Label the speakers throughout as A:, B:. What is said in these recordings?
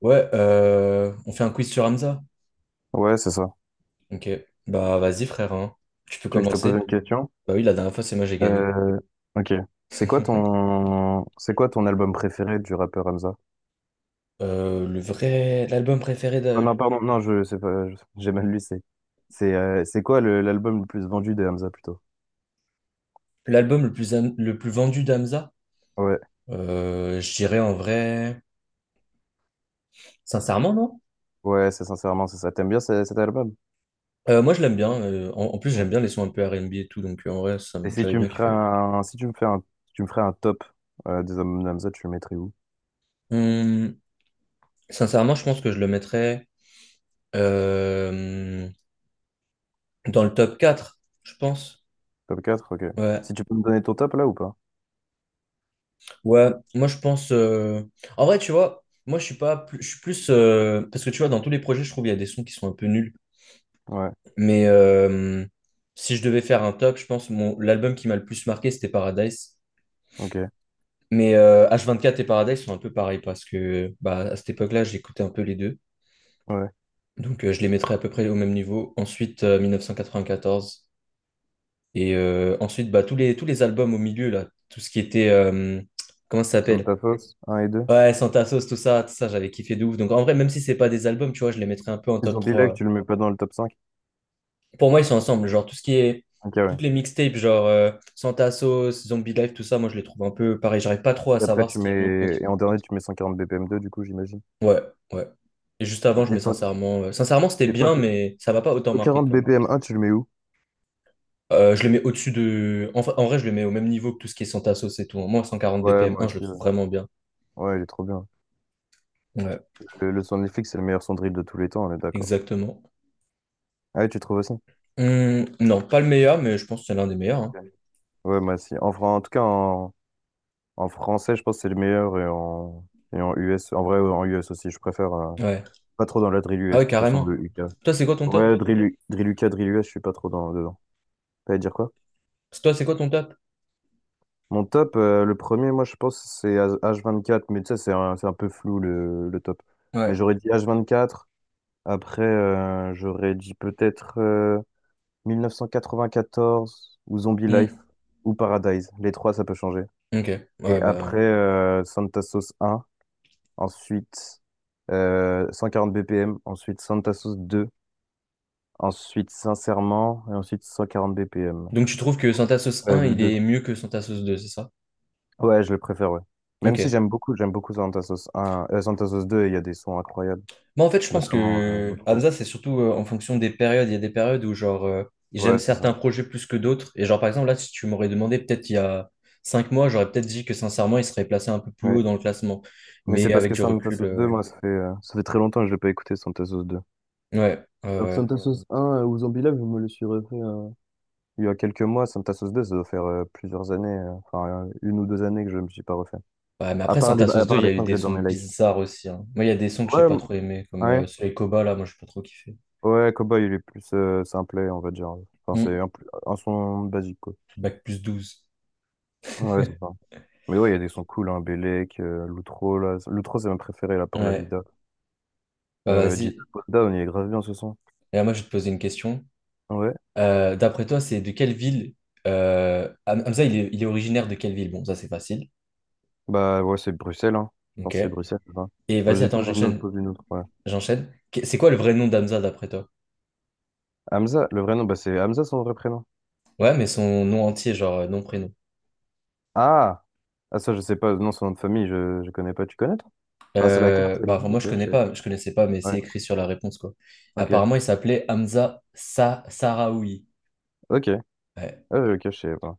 A: Ouais, on fait un quiz sur Hamza.
B: Ouais, c'est ça.
A: Ok. Bah vas-y frère, hein. Tu peux
B: Tu veux que je te pose
A: commencer.
B: une question?
A: Bah oui, la dernière fois c'est moi j'ai gagné.
B: Euh, ok. C'est quoi ton, c'est quoi ton album préféré du rappeur Hamza?
A: Le vrai, l'album préféré
B: Oh
A: de...
B: non, pardon, non, je sais pas, j'ai mal lu, c'est quoi l'album le plus vendu de Hamza plutôt?
A: L'album le plus vendu d'Hamza.
B: Ouais,
A: Je dirais en vrai, sincèrement non.
B: ouais, c'est sincèrement, c'est ça. T'aimes bien cet album?
A: Moi je l'aime bien. En plus
B: Ouais.
A: j'aime bien les sons un peu R&B et tout, donc en vrai
B: Et si
A: j'avais
B: tu me
A: bien
B: ferais
A: kiffé.
B: un, si tu me fais un, si tu me ferais un top des albums de Hamza, tu le mettrais où?
A: Hum, Sincèrement je pense que je le mettrais euh, dans le top 4. Je pense.
B: Top quatre. Ok.
A: Ouais.
B: Si tu peux me donner ton top là ou pas?
A: Ouais, moi je pense. En vrai, tu vois, moi je suis pas plus. Je suis plus. Parce que tu vois, dans tous les projets, je trouve il y a des sons qui sont un peu nuls.
B: Ouais,
A: Mais si je devais faire un top, je pense l'album qui m'a le plus marqué, c'était Paradise.
B: ok,
A: Mais H24 et Paradise sont un peu pareils parce que bah, à cette époque-là, j'écoutais un peu les deux.
B: ouais.
A: Donc je les mettrais à peu près au même niveau. Ensuite, 1994. Et ensuite, bah, tous les albums au milieu, là, tout ce qui était. Comment ça
B: Somme
A: s'appelle?
B: ta fosse, 1 et 2.
A: Ouais, Santa Sauce, tout ça, j'avais kiffé de ouf. Donc en vrai, même si c'est pas des albums, tu vois, je les mettrais un peu en top
B: Zombie Life,
A: trois.
B: tu le mets pas dans le top cinq?
A: Pour moi, ils sont ensemble. Genre tout ce qui est.
B: Ok, ouais.
A: Toutes les mixtapes, genre Santa Sauce, Zombie Life, tout ça, moi je les trouve un peu pareil. J'arrive pas trop à
B: Et après,
A: savoir ce
B: tu
A: qui est mieux que
B: mets.
A: l'autre.
B: Et en dernier, tu mets 140 BPM2, du coup, j'imagine.
A: Ouais, ouais. Et juste avant, je mets
B: Et toi,
A: sincèrement. Sincèrement, c'était
B: et toi,
A: bien,
B: qui-
A: mais ça m'a pas autant marqué
B: 140
A: que.
B: BPM1, tu le mets où?
A: Je le mets au-dessus de. En vrai, je le mets au même niveau que tout ce qui est Santa Sauce et tout. Moi, 140
B: Ouais,
A: BPM
B: moi
A: un je le
B: aussi.
A: trouve
B: Ouais,
A: vraiment bien.
B: ouais, il est trop bien.
A: Ouais,
B: Le son de Netflix, c'est le meilleur son de drill de tous les temps, on est d'accord.
A: exactement.
B: Ah ouais, tu trouves aussi?
A: Non, pas le meilleur, mais je pense que c'est l'un des meilleurs,
B: Ok.
A: hein.
B: Ouais, moi aussi. En, fran- en tout cas, en, en français, je pense que c'est le meilleur. Et en US, en vrai, en US aussi, je préfère.
A: Ouais.
B: Pas trop dans la drill
A: Ah
B: US,
A: ouais,
B: de toute façon,
A: carrément.
B: le UK.
A: Toi, c'est quoi ton top?
B: Ouais, drill UK, drill US, je suis pas trop dedans. T'allais dire quoi?
A: Toi, c'est quoi ton top?
B: Mon top, le premier, moi je pense que c'est H24, mais tu sais, c'est un peu flou le top. Mais
A: Ouais.
B: j'aurais dit H24, après j'aurais dit peut-être 1994 ou Zombie
A: Hmm.
B: Life ou Paradise. Les trois, ça peut changer.
A: Ok. Ouais,
B: Et
A: bah.
B: après Santa Sauce 1, ensuite 140 BPM, ensuite Santa Sauce 2, ensuite Sincèrement, et ensuite 140 BPM.
A: Donc, tu trouves que Syntasos 1, il est mieux que Syntasos 2, c'est ça?
B: Ouais, je le préfère, ouais. Même
A: Ok.
B: si j'aime beaucoup, j'aime beaucoup Santa Sauce un, Santa Sauce deux, il y a des sons incroyables,
A: Moi, en fait, je pense
B: notamment
A: que
B: l'outro.
A: Hamza, c'est surtout en fonction des périodes. Il y a des périodes où, genre, j'aime
B: Ouais, c'est ça.
A: certains projets plus que d'autres. Et, genre, par exemple, là, si tu m'aurais demandé, peut-être il y a 5 mois, j'aurais peut-être dit que, sincèrement, il serait placé un peu plus
B: Ouais.
A: haut dans le classement.
B: Mais
A: Mais
B: c'est parce
A: avec
B: que
A: du
B: Santa
A: recul,
B: Sauce 2 moi, ça fait très longtemps que je l'ai pas écouté, Santa Sauce deux.
A: ouais. Ouais,
B: Alors que
A: ouais.
B: Santa Sauce un, ou Zombie Live, je me le suis refait. Il y a quelques mois. Santa Sauce deux, ça doit faire plusieurs années, une ou deux années que je me suis pas refait.
A: Ouais, mais
B: À
A: après,
B: part
A: Santa
B: à
A: Sauce 2
B: part
A: il y
B: les
A: a eu
B: sons que
A: des
B: j'ai dans
A: sons
B: mes likes.
A: bizarres aussi, hein. Moi, il y a des sons que j'ai
B: Ouais,
A: pas
B: m-
A: trop aimés, comme
B: ouais,
A: celui avec Koba, là, moi, j'ai pas trop kiffé.
B: ouais, Cowboy, il est plus simple, on va dire. Enfin,
A: Hmm.
B: plus un son basique, quoi.
A: Bac+12.
B: Ouais, c'est ça. Mais ouais, il y a des sons cool, hein, Bellec, Loutro, là. Loutro, c'est ma préférée, là, pour la
A: Ouais,
B: vida.
A: bah
B: Gita
A: vas-y.
B: Down, il est grave bien ce son.
A: Et là, moi, je vais te poser une question.
B: Ouais.
A: D'après toi, c'est de quelle ville Hamza, il est originaire de quelle ville? Bon, ça, c'est facile.
B: Bah, ouais, c'est Bruxelles, hein. Je
A: Ok.
B: pense que c'est Bruxelles, c'est ça.
A: Et
B: Bah,
A: vas-y,
B: j'ai
A: attends, j'enchaîne.
B: posé une autre, ouais.
A: J'enchaîne. C'est quoi le vrai nom d'Hamza, d'après toi?
B: Hamza, le vrai nom, bah, c'est Hamza, son vrai prénom.
A: Ouais, mais son nom entier, genre nom, prénom.
B: Ah! Ah, ça, je sais pas, non, son nom de famille, je connais pas. Tu connais, toi? Enfin, c'est la carte, elle
A: Bah, enfin,
B: dit,
A: moi, je
B: ok, je
A: connais
B: sais
A: pas, je connaissais pas, mais
B: pas.
A: c'est
B: Ouais,
A: écrit sur la réponse, quoi.
B: ok,
A: Apparemment, il s'appelait Hamza Sa Sahraoui.
B: ok.
A: Ouais.
B: Ah, ok, je sais pas.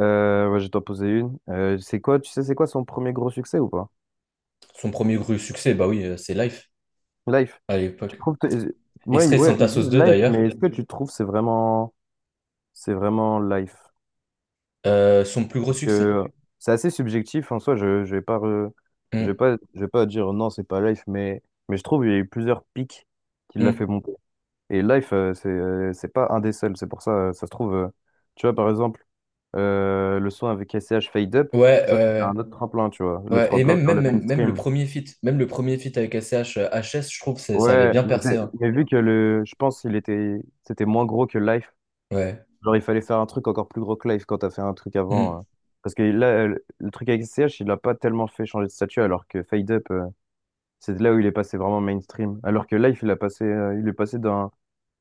B: Ouais, je vais t'en poser une. C'est quoi, tu sais, c'est quoi son premier gros succès ou pas?
A: Son premier gros succès, bah oui, c'est Life
B: Life.
A: à
B: Tu
A: l'époque.
B: trouves que- ouais,
A: Extrait de
B: ouais,
A: Santa
B: ils
A: Sauce
B: disent
A: 2
B: life,
A: d'ailleurs.
B: mais est-ce que tu trouves que c'est vraiment life?
A: Son plus gros
B: Parce
A: succès?
B: que c'est assez subjectif en soi,
A: Mm,
B: je vais pas dire non, c'est pas life, mais je trouve qu'il y a eu plusieurs pics qui l'a
A: mm.
B: fait monter. Et life, c'est pas un des seuls, c'est pour ça, ça se trouve, tu vois par exemple le son avec S C H Fade Up,
A: Ouais,
B: ça c'est un autre tremplin, tu vois, le
A: ouais. Et
B: tremplin
A: même,
B: vers
A: même,
B: le
A: même, même le
B: mainstream.
A: premier feat, avec S C H H S je trouve que ça avait
B: Ouais,
A: bien
B: mais,
A: percé, hein.
B: mais vu que le, je pense qu'il était, c'était moins gros que Life.
A: Ouais.
B: Genre, il fallait faire un truc encore plus gros que Life quand t'as fait un truc avant.
A: Mm.
B: Parce que là, le truc avec CH, il l'a pas tellement fait changer de statut, alors que Fade Up, c'est là où il est passé vraiment mainstream. Alors que Life, il est passé d'un,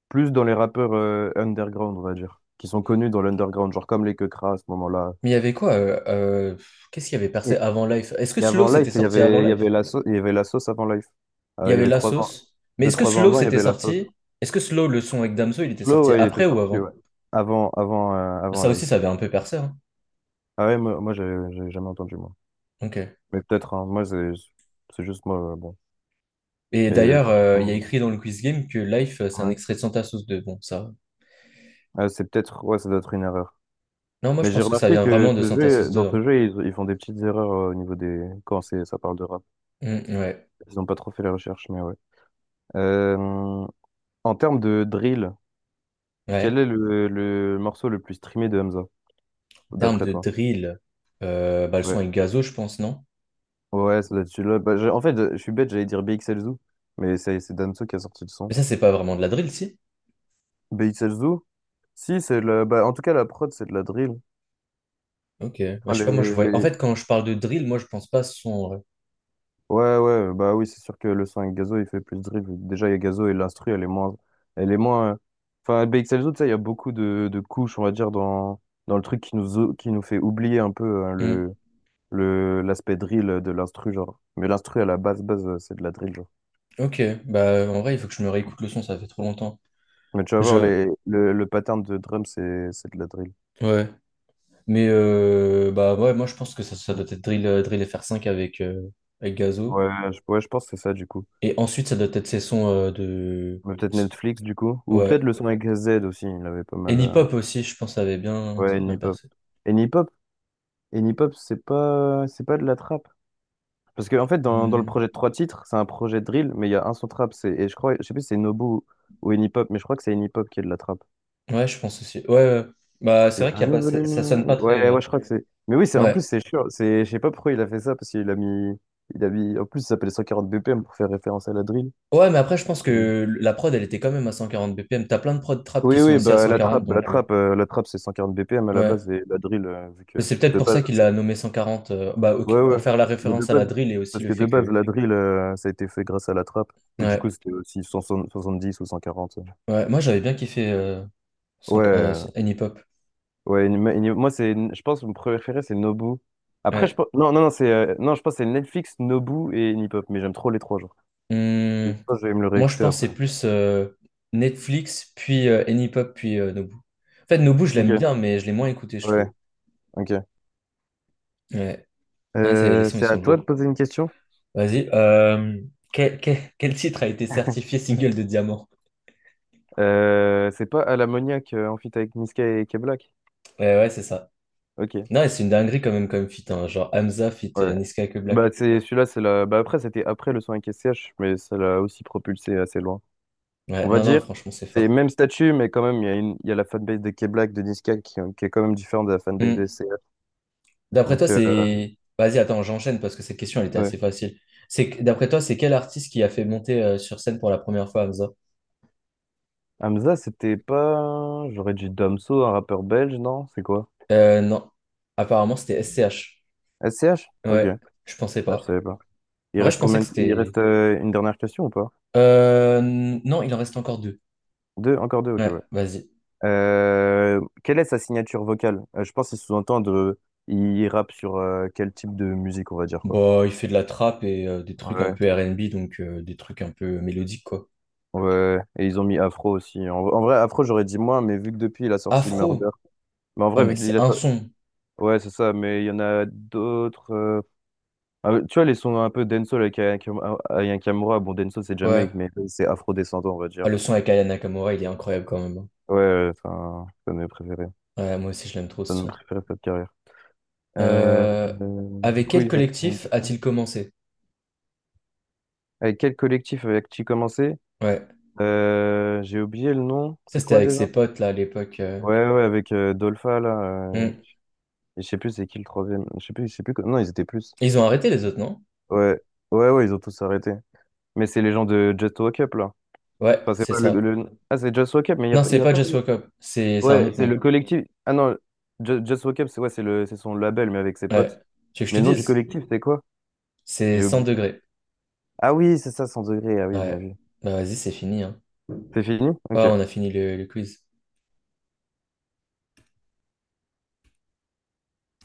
B: plus dans les rappeurs, underground, on va dire, qui sont connus dans l'underground, genre comme les Quecras à ce moment-là.
A: Mais il y avait quoi? Qu'est-ce qu'il y avait percé
B: Et,
A: avant Life? Est-ce que
B: et
A: Slow
B: avant Life,
A: c'était sorti avant
B: il y avait
A: Life?
B: la sauce, il y avait la sauce avant Life.
A: Il y
B: Il y
A: avait
B: avait
A: La
B: trois ans,
A: Sauce. Mais
B: deux,
A: est-ce que
B: trois ans
A: Slow
B: avant, il y
A: c'était
B: avait la sauce.
A: sorti? Est-ce que Slow, le son avec Damso, il était
B: Slow,
A: sorti
B: ouais, il
A: après
B: était
A: ou
B: sorti,
A: avant?
B: ouais. Avant
A: Ça aussi,
B: Life.
A: ça avait un peu percé, hein.
B: Ah ouais, moi, j'ai jamais entendu, moi.
A: Ok.
B: Mais peut-être, hein, moi, c'est juste moi, bon.
A: Et
B: Mais non,
A: d'ailleurs,
B: j'ai
A: il y a
B: vraiment-
A: écrit dans le quiz game que Life, c'est un
B: ouais.
A: extrait de Santa Sauce 2. Bon, ça.
B: Ah, c'est peut-être, ouais, ça doit être une erreur.
A: Non, moi, je
B: Mais j'ai
A: pense que ça
B: remarqué
A: vient
B: que
A: vraiment de
B: ce
A: Santa
B: jeu,
A: Sauce 2,
B: dans
A: hein.
B: ce jeu, ils font des petites erreurs au niveau des. Quand c'est, ça parle de rap.
A: Mm, ouais,
B: Ils ont pas trop fait les recherches, mais ouais. Euh, en termes de drill, quel
A: ouais.
B: est le morceau le plus streamé de Hamza,
A: En termes
B: d'après
A: de
B: toi?
A: drill, bah, le
B: Ouais.
A: son est gazo, je pense, non?
B: Ouais, ça doit être celui-là. En fait, je suis bête, j'allais dire BXLZoo, mais c'est Damso qui a sorti le son.
A: Mais ça, c'est pas vraiment de la drill, si?
B: BXLZoo? Si, c'est le, bah, en tout cas, la prod, c'est de la drill.
A: Ok. Bah, je
B: Enfin,
A: sais pas, moi, je
B: les,
A: vois. En
B: les,
A: fait, quand je parle de drill, moi, je pense pas à ce son, en vrai.
B: Ouais, ouais, bah oui, c'est sûr que le sang avec Gazo, il fait plus de dribble. Déjà, il y a Gazo et l'instru, elle est moins. Elle est moins. euh, Enfin, BXLZO, tu sais, il y a beaucoup de couches, on va dire, dans le truc qui nous, qui nous fait oublier un peu, hein,
A: Mm.
B: l'aspect drill de l'instru, genre. Mais l'instru, à la base, c'est de la drill, genre.
A: Ok. Bah, en vrai, il faut que je me réécoute le son, ça fait trop longtemps.
B: Mais tu vas voir,
A: Je.
B: le pattern de drum, c'est de la drill.
A: Ouais. Mais, bah, ouais, moi, je pense que ça doit être drill, drill FR5 avec gazo.
B: Ouais, ouais, je pense que c'est ça, du coup.
A: Et ensuite, ça doit être ces sons de.
B: Mais peut-être Netflix, du coup. Ou
A: Ouais.
B: peut-être le son avec Z aussi, il avait pas
A: Et
B: mal.
A: Nipop aussi, je pense, avait bien, ça
B: Ouais,
A: avait bien
B: Nipop.
A: percé.
B: Et hop. Et Nipop, c'est pas de la trappe. Parce que, en fait, dans le
A: Hmm.
B: projet de trois titres, c'est un projet de drill, mais il y a un son trap. C'est, et je crois, je sais plus si c'est Nobu ou Enipop, mais je crois que c'est Enipop qui est de la trappe.
A: Ouais, je pense aussi. Ouais, ouais. Bah, c'est
B: C'est
A: vrai qu'il y
B: un
A: a pas,
B: nouveau
A: ça,
B: volume.
A: ça sonne pas
B: Ouais,
A: très.
B: ouais, je crois que c'est. Mais oui, c'est, en
A: Ouais.
B: plus, c'est sûr. C'est, je sais pas pourquoi il a fait ça, parce qu'il a mis. Il a mis, en plus, ça s'appelle 140 BPM pour faire référence à la drill.
A: Ouais, mais après, je pense
B: Et-
A: que la prod, elle était quand même à 140 BPM. T'as plein de prod trap
B: Oui,
A: qui sont
B: oui,
A: aussi à
B: bah,
A: 140, donc.
B: la trappe, c'est 140 BPM à la
A: Ouais.
B: base, et la drill, vu
A: Mais
B: que
A: c'est peut-être
B: de
A: pour ça qu'il
B: base,
A: l'a nommé 140. Bah, ok,
B: ouais, ouais.
A: pour faire la
B: Mais de
A: référence à la
B: base,
A: drill et aussi
B: parce
A: le
B: que de
A: fait
B: base,
A: que.
B: la drill, ça a été fait grâce à la trappe. Mais du coup,
A: Ouais.
B: c'était aussi 170 ou 140.
A: Ouais. Moi, j'avais bien kiffé 100
B: Ouais, euh,
A: Anypop.
B: ouais. Moi, je pense que mon préféré, c'est Nobu. Après, je
A: Ouais.
B: pense, non, non, non, c'est, non, je pense que c'est Netflix, Nobu et Nipop. Mais j'aime trop les trois, genre. Je
A: Hum,
B: pense que je vais me le
A: Moi, je
B: réécouter
A: pense que
B: après.
A: c'est plus Netflix, puis Anypop, puis Nobu. En fait, Nobu, je l'aime bien,
B: Ok.
A: mais je l'ai moins écouté, je
B: Ouais,
A: trouve.
B: ok.
A: Ouais. Hein, les sons, ils
B: C'est à
A: sont
B: toi de
A: lourds.
B: poser une question.
A: Vas-y. Quel, quel titre a été certifié single de diamant?
B: C'est pas à l'ammoniaque, en feat avec Niska et K-Black.
A: Ouais, ouais, c'est ça.
B: Ok.
A: Non, et c'est une dinguerie quand même comme feat, hein, genre Hamza feat
B: Ouais.
A: Niska que
B: Bah,
A: Black.
B: c'est celui-là, c'est la. Bah, après, c'était après le son avec SCH, mais ça l'a aussi propulsé assez loin.
A: Ouais,
B: On va
A: non, non,
B: dire,
A: franchement, c'est
B: c'est
A: fort.
B: même statut, mais quand même, il y a une. Il y a la fanbase de K-Black, de Niska, qui, qui est quand même différente de la fanbase de
A: Hum.
B: SCH.
A: D'après toi,
B: Donc, euh,
A: c'est... Vas-y, attends, j'enchaîne parce que cette question, elle était
B: ouais.
A: assez facile. C'est... D'après toi, c'est quel artiste qui a fait monter sur scène pour la première fois Hamza?
B: Hamza, c'était pas. J'aurais dit Damso, un rappeur belge, non? C'est quoi?
A: Non. Apparemment, c'était SCH.
B: SCH? Ok.
A: Ouais, je pensais
B: Ah, je
A: pas.
B: savais pas. Il
A: En vrai, je
B: reste
A: pensais
B: combien.
A: que
B: Il
A: c'était.
B: reste, une dernière question ou pas?
A: Non, il en reste encore deux.
B: Deux? Encore deux? Ok,
A: Ouais,
B: ouais.
A: vas-y.
B: Quelle est sa signature vocale? Je pense qu'il sous-entend de. Il rappe sur, quel type de musique, on va dire, quoi.
A: Bah, il fait de la trappe et des trucs un
B: Ouais.
A: peu R&B, donc des trucs un peu mélodiques, quoi.
B: Ouais, et ils ont mis Afro aussi. En vrai, Afro, j'aurais dit moins, mais vu que depuis, il a sorti Murder.
A: Afro.
B: Mais en
A: Ah,
B: vrai,
A: mais
B: vu qu'il
A: c'est
B: a.
A: un son.
B: Ouais, c'est ça, mais il y en a d'autres. Ah, tu vois, les sons un peu dancehall avec Aya Kamura. Bon, dancehall, c'est
A: Ouais.
B: Jamaïque, mais c'est afro-descendant, on va
A: Ah,
B: dire.
A: le son avec Aya Nakamura, il est incroyable quand même, hein.
B: Ouais, ouais, enfin, c'est un de mes préférés.
A: Ouais, moi aussi, je l'aime trop
B: C'est
A: ce
B: un de mes
A: son.
B: préférés de cette carrière. Euh,
A: Euh,
B: du
A: Avec
B: coup,
A: quel
B: il va une
A: collectif
B: question.
A: a-t-il commencé?
B: Avec quel collectif avec-tu commencé?
A: Ouais.
B: J'ai oublié le nom.
A: Ça,
B: C'est
A: c'était
B: quoi
A: avec
B: déjà?
A: ses potes, là, à l'époque.
B: Ouais, ouais, avec Dolpha, là. euh,
A: Hmm.
B: Et je sais plus c'est qui le troisième. Je sais plus, je sais plus. Que- Non, ils étaient plus.
A: Ils ont arrêté les autres, non?
B: Ouais, ouais, ils ont tous arrêté. Mais c'est les gens de Just Walk Up, là.
A: Ouais,
B: Enfin, c'est
A: c'est
B: pas
A: ça.
B: Ah, c'est Just Walk Up, mais
A: Non,
B: il
A: c'est
B: a
A: pas
B: pas.
A: Just Wake Up, c'est un
B: Ouais,
A: autre
B: c'est
A: nom.
B: le collectif. Ah non, Just Walk Up, c'est ouais, c'est c'est son label, mais avec ses
A: Ouais.
B: potes.
A: Tu veux que je
B: Mais
A: te
B: le nom du
A: dise?
B: collectif, c'est quoi?
A: C'est
B: J'ai
A: 100
B: oublié.
A: degrés.
B: Ah oui, c'est ça, 100 degrés. Ah oui, bien
A: Ouais.
B: vu.
A: Bah vas-y, c'est fini, hein.
B: C'est fini?
A: Ouais,
B: Ok.
A: on a fini le quiz.